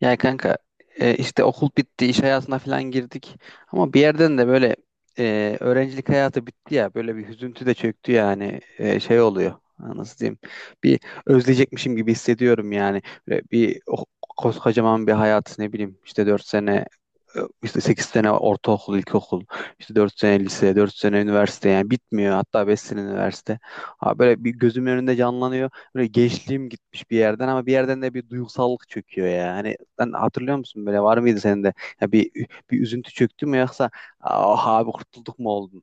Ya kanka, işte okul bitti, iş hayatına falan girdik. Ama bir yerden de böyle öğrencilik hayatı bitti ya. Böyle bir hüzüntü de çöktü yani. Şey oluyor. Ha, Nasıl diyeyim? Bir özleyecekmişim gibi hissediyorum yani. Böyle bir koskocaman bir hayat, ne bileyim, işte 4 sene, işte 8 sene ortaokul, ilkokul, işte 4 sene lise, 4 sene üniversite, yani bitmiyor. Hatta 5 sene üniversite. Ha, böyle bir gözümün önünde canlanıyor. Böyle gençliğim gitmiş bir yerden, ama bir yerden de bir duygusallık çöküyor yani. Sen hatırlıyor musun, böyle var mıydı senin de? Ya bir üzüntü çöktü mü, yoksa ah abi kurtulduk mu oldun?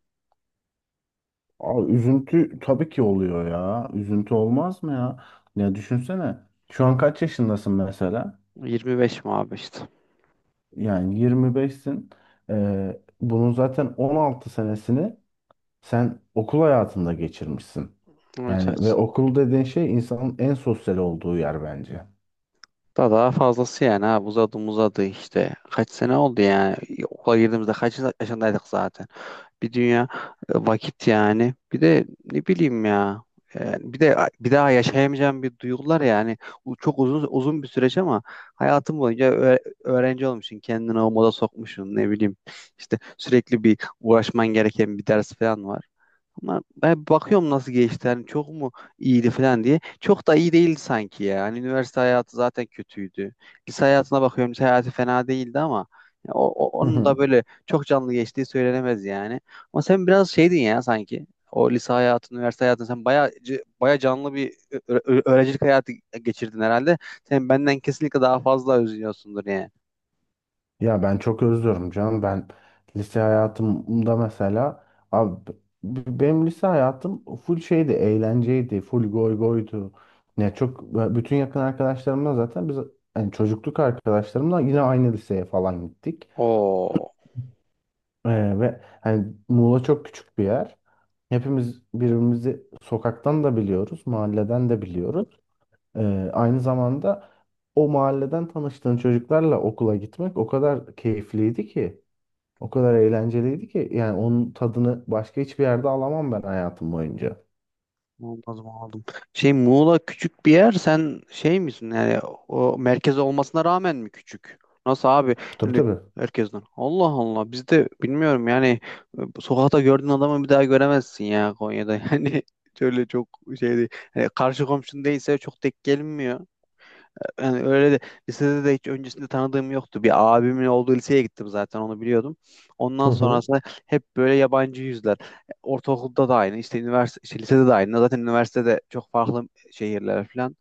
Abi üzüntü tabii ki oluyor ya. Üzüntü olmaz mı ya? Ya düşünsene. Şu an kaç yaşındasın mesela? 25 mi abi işte? Yani 25'sin. Bunun zaten 16 senesini sen okul hayatında geçirmişsin. Evet, Yani evet. ve okul dediğin şey insanın en sosyal olduğu yer bence. Daha daha fazlası yani, ha uzadı uzadı işte. Kaç sene oldu yani? Okula girdiğimizde kaç yaşındaydık zaten? Bir dünya vakit yani. Bir de ne bileyim ya. Yani bir de bir daha yaşayamayacağım bir duygular yani. Bu çok uzun uzun bir süreç ama, hayatım boyunca öğrenci olmuşsun, kendini o moda sokmuşsun, ne bileyim. İşte sürekli bir uğraşman gereken bir ders falan var. Ama ben bakıyorum nasıl geçti. Hani çok mu iyiydi falan diye. Çok da iyi değildi sanki ya. Hani üniversite hayatı zaten kötüydü. Lise hayatına bakıyorum. Lise hayatı fena değildi, ama ya onun da böyle çok canlı geçtiği söylenemez yani. Ama sen biraz şeydin ya sanki. O lise hayatı, üniversite hayatı, sen baya baya canlı bir öğrencilik hayatı geçirdin herhalde. Sen benden kesinlikle daha fazla özlüyorsundur yani. Ya ben çok özlüyorum canım. Ben lise hayatımda mesela abi benim lise hayatım full şeydi, eğlenceydi, full goy goydu. Ne çok bütün yakın arkadaşlarımla zaten biz hani çocukluk arkadaşlarımla yine aynı liseye falan gittik. Oo. Ve hani Muğla çok küçük bir yer. Hepimiz birbirimizi sokaktan da biliyoruz, mahalleden de biliyoruz. Aynı zamanda o mahalleden tanıştığın çocuklarla okula gitmek o kadar keyifliydi ki. O kadar eğlenceliydi ki yani onun tadını başka hiçbir yerde alamam ben hayatım boyunca. Anladım, anladım. Şey, Muğla küçük bir yer, sen şey misin yani, o merkez olmasına rağmen mi küçük? Nasıl abi? Tabii Hani tabii. herkesten. Allah Allah, bizde bilmiyorum yani, sokakta gördüğün adamı bir daha göremezsin ya Konya'da. Yani şöyle çok şey değil. Hani karşı komşun değilse çok denk gelinmiyor yani. Öyle de lisede de hiç öncesinde tanıdığım yoktu. Bir abimin olduğu liseye gittim, zaten onu biliyordum. Hı Ondan hı sonrası hep böyle yabancı yüzler. Ortaokulda da aynı, işte üniversite, işte lisede de aynı. Zaten üniversitede çok farklı şehirler falan.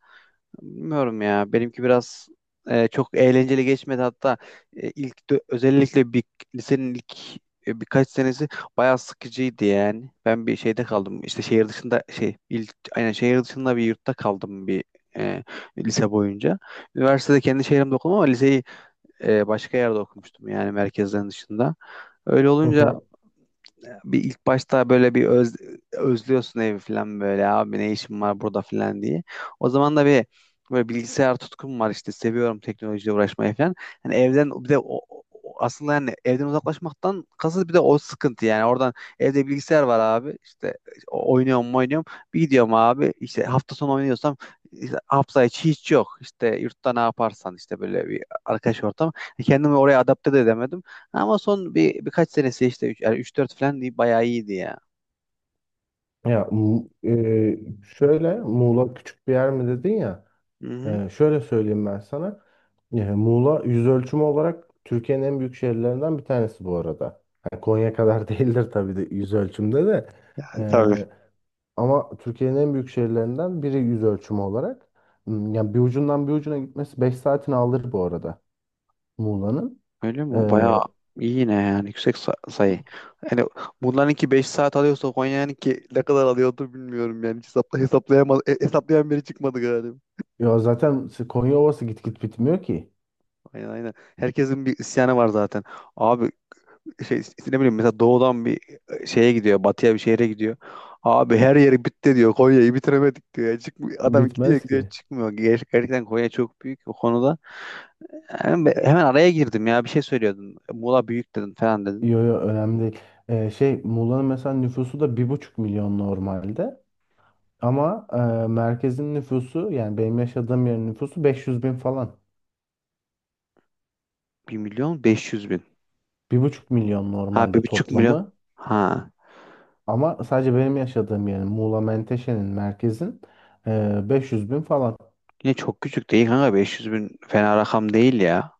Bilmiyorum ya. Benimki biraz çok eğlenceli geçmedi. Hatta ilk özellikle bir lisenin ilk birkaç senesi bayağı sıkıcıydı yani. Ben bir şeyde kaldım. İşte şehir dışında, şey ilk aynen şehir dışında bir yurtta kaldım, bir e, lise boyunca. Üniversitede kendi şehrimde okudum ama liseyi başka yerde okumuştum yani, merkezden dışında. Öyle hı. olunca Hı. bir ilk başta böyle bir özlüyorsun evi falan, böyle abi ne işim var burada falan diye. O zaman da bir böyle bilgisayar tutkum var, işte seviyorum teknolojiyle uğraşmayı falan. Hani evden bir de o- aslında yani evden uzaklaşmaktan kasıt bir de o sıkıntı yani, oradan evde bilgisayar var abi, işte oynuyorum mu oynuyorum, bir gidiyorum abi işte hafta sonu oynuyorsam, işte hafta içi hiç yok, işte yurtta ne yaparsan işte, böyle bir arkadaş ortam. Kendimi oraya adapte de edemedim, ama son birkaç senesi, işte üç yani üç dört falan değil, bayağı iyiydi ya. Ya şöyle Muğla küçük bir yer mi dedin ya? Hı hı. Şöyle söyleyeyim ben sana. Muğla yüz ölçümü olarak Türkiye'nin en büyük şehirlerinden bir tanesi bu arada. Yani Konya kadar değildir tabii de yüz ölçümde de. Yani E, tabii. ama Türkiye'nin en büyük şehirlerinden biri yüz ölçümü olarak. Yani bir ucundan bir ucuna gitmesi 5 saatini alır bu arada Muğla'nın. Öyle mi? Bayağı Ee, iyi yine yani, yüksek sayı. Yani bunlarınki 5 saat alıyorsa Konya'nınki ne kadar alıyordu bilmiyorum yani. Hiç hesaplayamaz hesaplayan biri çıkmadı galiba. ya zaten Konya Ovası git git bitmiyor ki. Aynen, aynen. Herkesin bir isyanı var zaten. Abi şey, ne bileyim mesela, doğudan bir şeye gidiyor, batıya bir şehre gidiyor. Abi her yeri bitti diyor. Konya'yı bitiremedik diyor. Yani çıkmıyor. Adam gidiyor Bitmez gidiyor ki. çıkmıyor. Gerçekten Konya çok büyük o konuda. Hemen hemen araya girdim ya. Bir şey söylüyordun. Muğla büyük dedin falan dedin. Yo yo, önemli değil. Şey Muğla'nın mesela nüfusu da 1,5 milyon normalde. Ama merkezin nüfusu yani benim yaşadığım yerin nüfusu 500 bin falan. 1.500.000. 1,5 milyon Ha, bir normalde buçuk milyon. toplamı. Ha. Ama sadece benim yaşadığım yerin Muğla Menteşe'nin merkezin 500 bin falan. Yine çok küçük değil kanka. 500 bin fena rakam değil ya.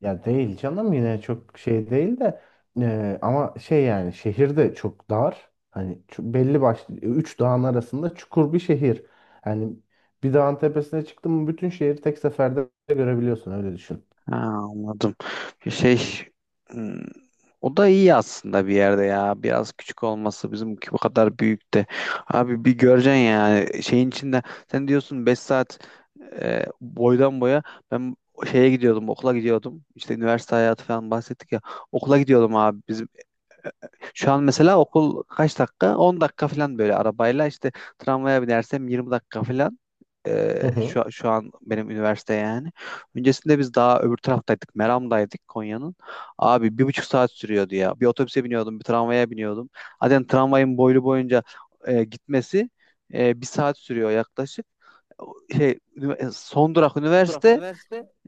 Ya değil canım yine çok şey değil de ama şey yani şehirde çok dar. Hani belli başlı üç dağın arasında çukur bir şehir. Hani bir dağın tepesine çıktın mı bütün şehri tek seferde görebiliyorsun öyle düşün. Ha, anladım. Bir şey, hmm, o da iyi aslında bir yerde ya. Biraz küçük olması, bizimki bu kadar büyük de. Abi bir göreceksin yani şeyin içinde, sen diyorsun 5 saat boydan boya. Ben şeye gidiyordum, okula gidiyordum. İşte üniversite hayatı falan bahsettik ya. Okula gidiyordum abi. Şu an mesela okul kaç dakika? 10 dakika falan böyle arabayla, işte tramvaya binersem 20 dakika falan. Ee, şu, şu an benim üniversite yani. Öncesinde biz daha öbür taraftaydık. Meram'daydık Konya'nın. Abi 1,5 saat sürüyordu ya. Bir otobüse biniyordum, bir tramvaya biniyordum. Zaten tramvayın boylu boyunca gitmesi 1 saat sürüyor yaklaşık. Şey, son durak üniversite,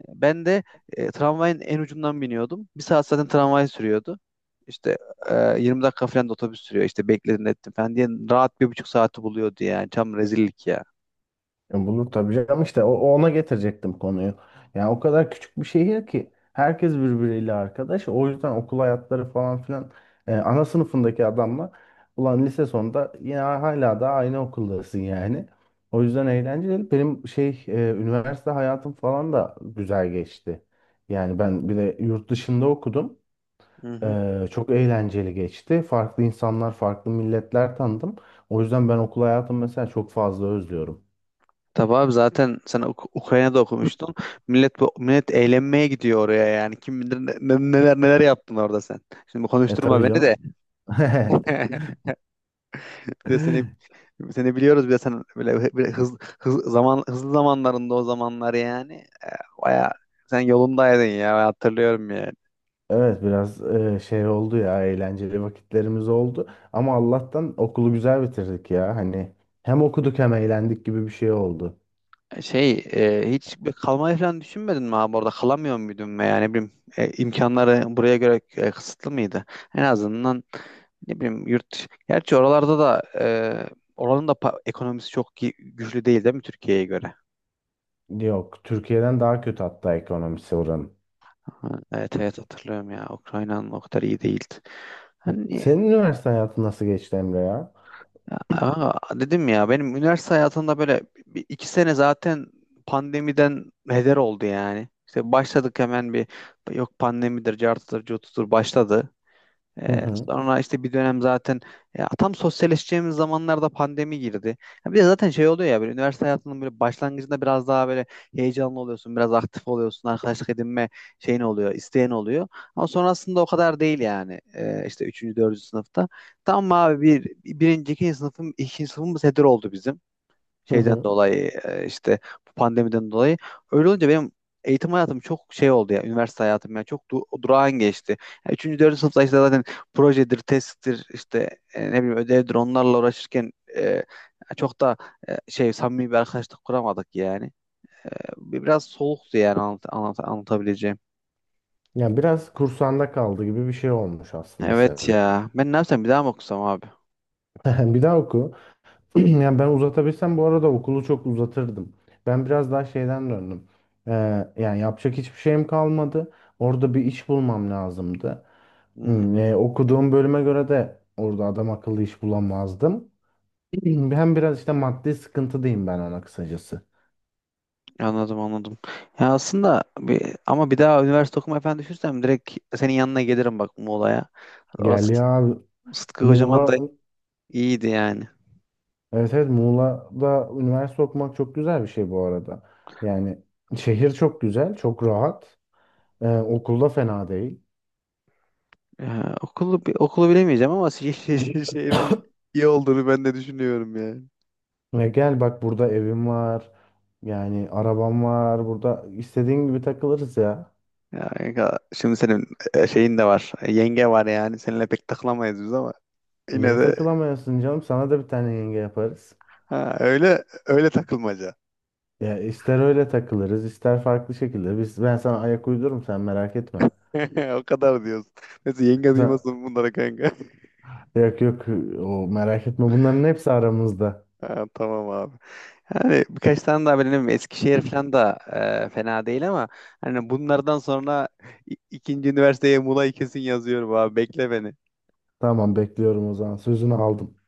ben de tramvayın en ucundan biniyordum. Bir saat zaten tramvay sürüyordu. İşte 20 dakika falan da otobüs sürüyor. İşte bekledin, ettim falan diye rahat 1,5 saati buluyordu yani. Tam rezillik ya. Ya bulur tabii canım işte ona getirecektim konuyu. Yani o kadar küçük bir şehir ki herkes birbiriyle arkadaş. O yüzden okul hayatları falan filan ana sınıfındaki adamla ulan lise sonunda yine hala da aynı okuldasın yani. O yüzden eğlenceli. Benim şey üniversite hayatım falan da güzel geçti. Yani ben bir de yurt dışında okudum. Hı hı. Çok eğlenceli geçti. Farklı insanlar, farklı milletler tanıdım. O yüzden ben okul hayatımı mesela çok fazla özlüyorum. Tabii abi, zaten sen Ukrayna'da okumuştun. Millet millet eğlenmeye gidiyor oraya yani. Kim bilir neler neler yaptın orada sen. Şimdi E konuşturma tabii beni de. canım. Bir de seni biliyoruz, bir de sen böyle zaman hızlı zamanlarında o zamanlar yani. Baya sen yolundaydın ya, ben hatırlıyorum yani. Evet, biraz şey oldu ya eğlenceli vakitlerimiz oldu ama Allah'tan okulu güzel bitirdik ya hani hem okuduk hem eğlendik gibi bir şey oldu. Şey, hiç bir kalmayı falan düşünmedin mi abi, orada kalamıyor muydun, veya ne bileyim imkanları buraya göre kısıtlı mıydı? En azından ne bileyim yurt, gerçi oralarda da oranın da ekonomisi çok güçlü değil, değil mi Türkiye'ye göre? Yok, Türkiye'den daha kötü hatta ekonomisi oranın. Ha, evet evet, hatırlıyorum ya, Ukrayna'nın o kadar iyi değildi. Hani Senin üniversite hayatın nasıl geçti, Emre ya? Dedim ya, benim üniversite hayatımda böyle bir- iki sene zaten pandemiden heder oldu yani. İşte başladık, hemen bir yok pandemidir, cartıdır, curtudur başladı. Hı hı. Sonra işte bir dönem zaten, ya tam sosyalleşeceğimiz zamanlarda pandemi girdi. Ya bir de zaten şey oluyor ya, böyle üniversite hayatının böyle başlangıcında biraz daha böyle heyecanlı oluyorsun, biraz aktif oluyorsun, arkadaşlık edinme şeyin oluyor, isteyen oluyor. Ama sonrasında o kadar değil yani, işte üçüncü, dördüncü sınıfta. Tam abi birinci, ikinci sınıfım, ikinci sınıfımız heder oldu bizim Hı şeyden hı. dolayı, işte bu pandemiden dolayı. Öyle olunca benim eğitim hayatım çok şey oldu ya, üniversite hayatım ya çok durağan geçti. Yani üçüncü, dördüncü sınıfta işte zaten projedir, testtir, işte ne bileyim ödevdir, onlarla uğraşırken çok da şey samimi bir arkadaşlık kuramadık yani. Biraz soğuktu yani, anlatabileceğim. Ya biraz kursağında kaldı gibi bir şey olmuş aslında Evet senin. ya, ben ne yapsam, bir daha mı okusam abi? Bir daha oku. Yani ben uzatabilsem bu arada okulu çok uzatırdım. Ben biraz daha şeyden döndüm. Ee, yani yapacak hiçbir şeyim kalmadı. Orada bir iş bulmam lazımdı. Hı hı. Okuduğum bölüme göre de orada adam akıllı iş bulamazdım. Hem biraz işte maddi sıkıntıdayım ben ona kısacası. Anladım, anladım. Ya aslında ama bir daha üniversite okumayı falan düşünsem, direkt senin yanına gelirim bak, Muğla'ya. Orası Gel ya Sıtkı Kocaman Muğla. da iyiydi yani. Evet evet, Muğla'da üniversite okumak çok güzel bir şey bu arada. Yani şehir çok güzel, çok rahat. Okulda fena değil. Ya, okulu bilemeyeceğim ama şehrin iyi olduğunu ben de düşünüyorum yani. Ve gel bak burada evim var. Yani arabam var. Burada istediğin gibi takılırız ya. Ya kanka, şimdi senin şeyin de var. Yenge var yani. Seninle pek takılamayız biz, ama yine Niye de, takılamıyorsun canım? Sana da bir tane yenge yaparız. ha, öyle öyle takılmaca. Ya ister öyle takılırız, ister farklı şekilde. Ben sana ayak uydururum sen merak etme. O kadar diyoruz. Neyse, yenge Sen, duymasın bunlara kanka. Yok yok, o merak etme. Bunların hepsi aramızda. Ha, tamam abi. Hani birkaç tane daha benim Eskişehir falan da fena değil, ama hani bunlardan sonra ikinci üniversiteye Muğla'yı kesin yazıyorum, abi bekle beni. Tamam, bekliyorum o zaman. Sözünü aldım.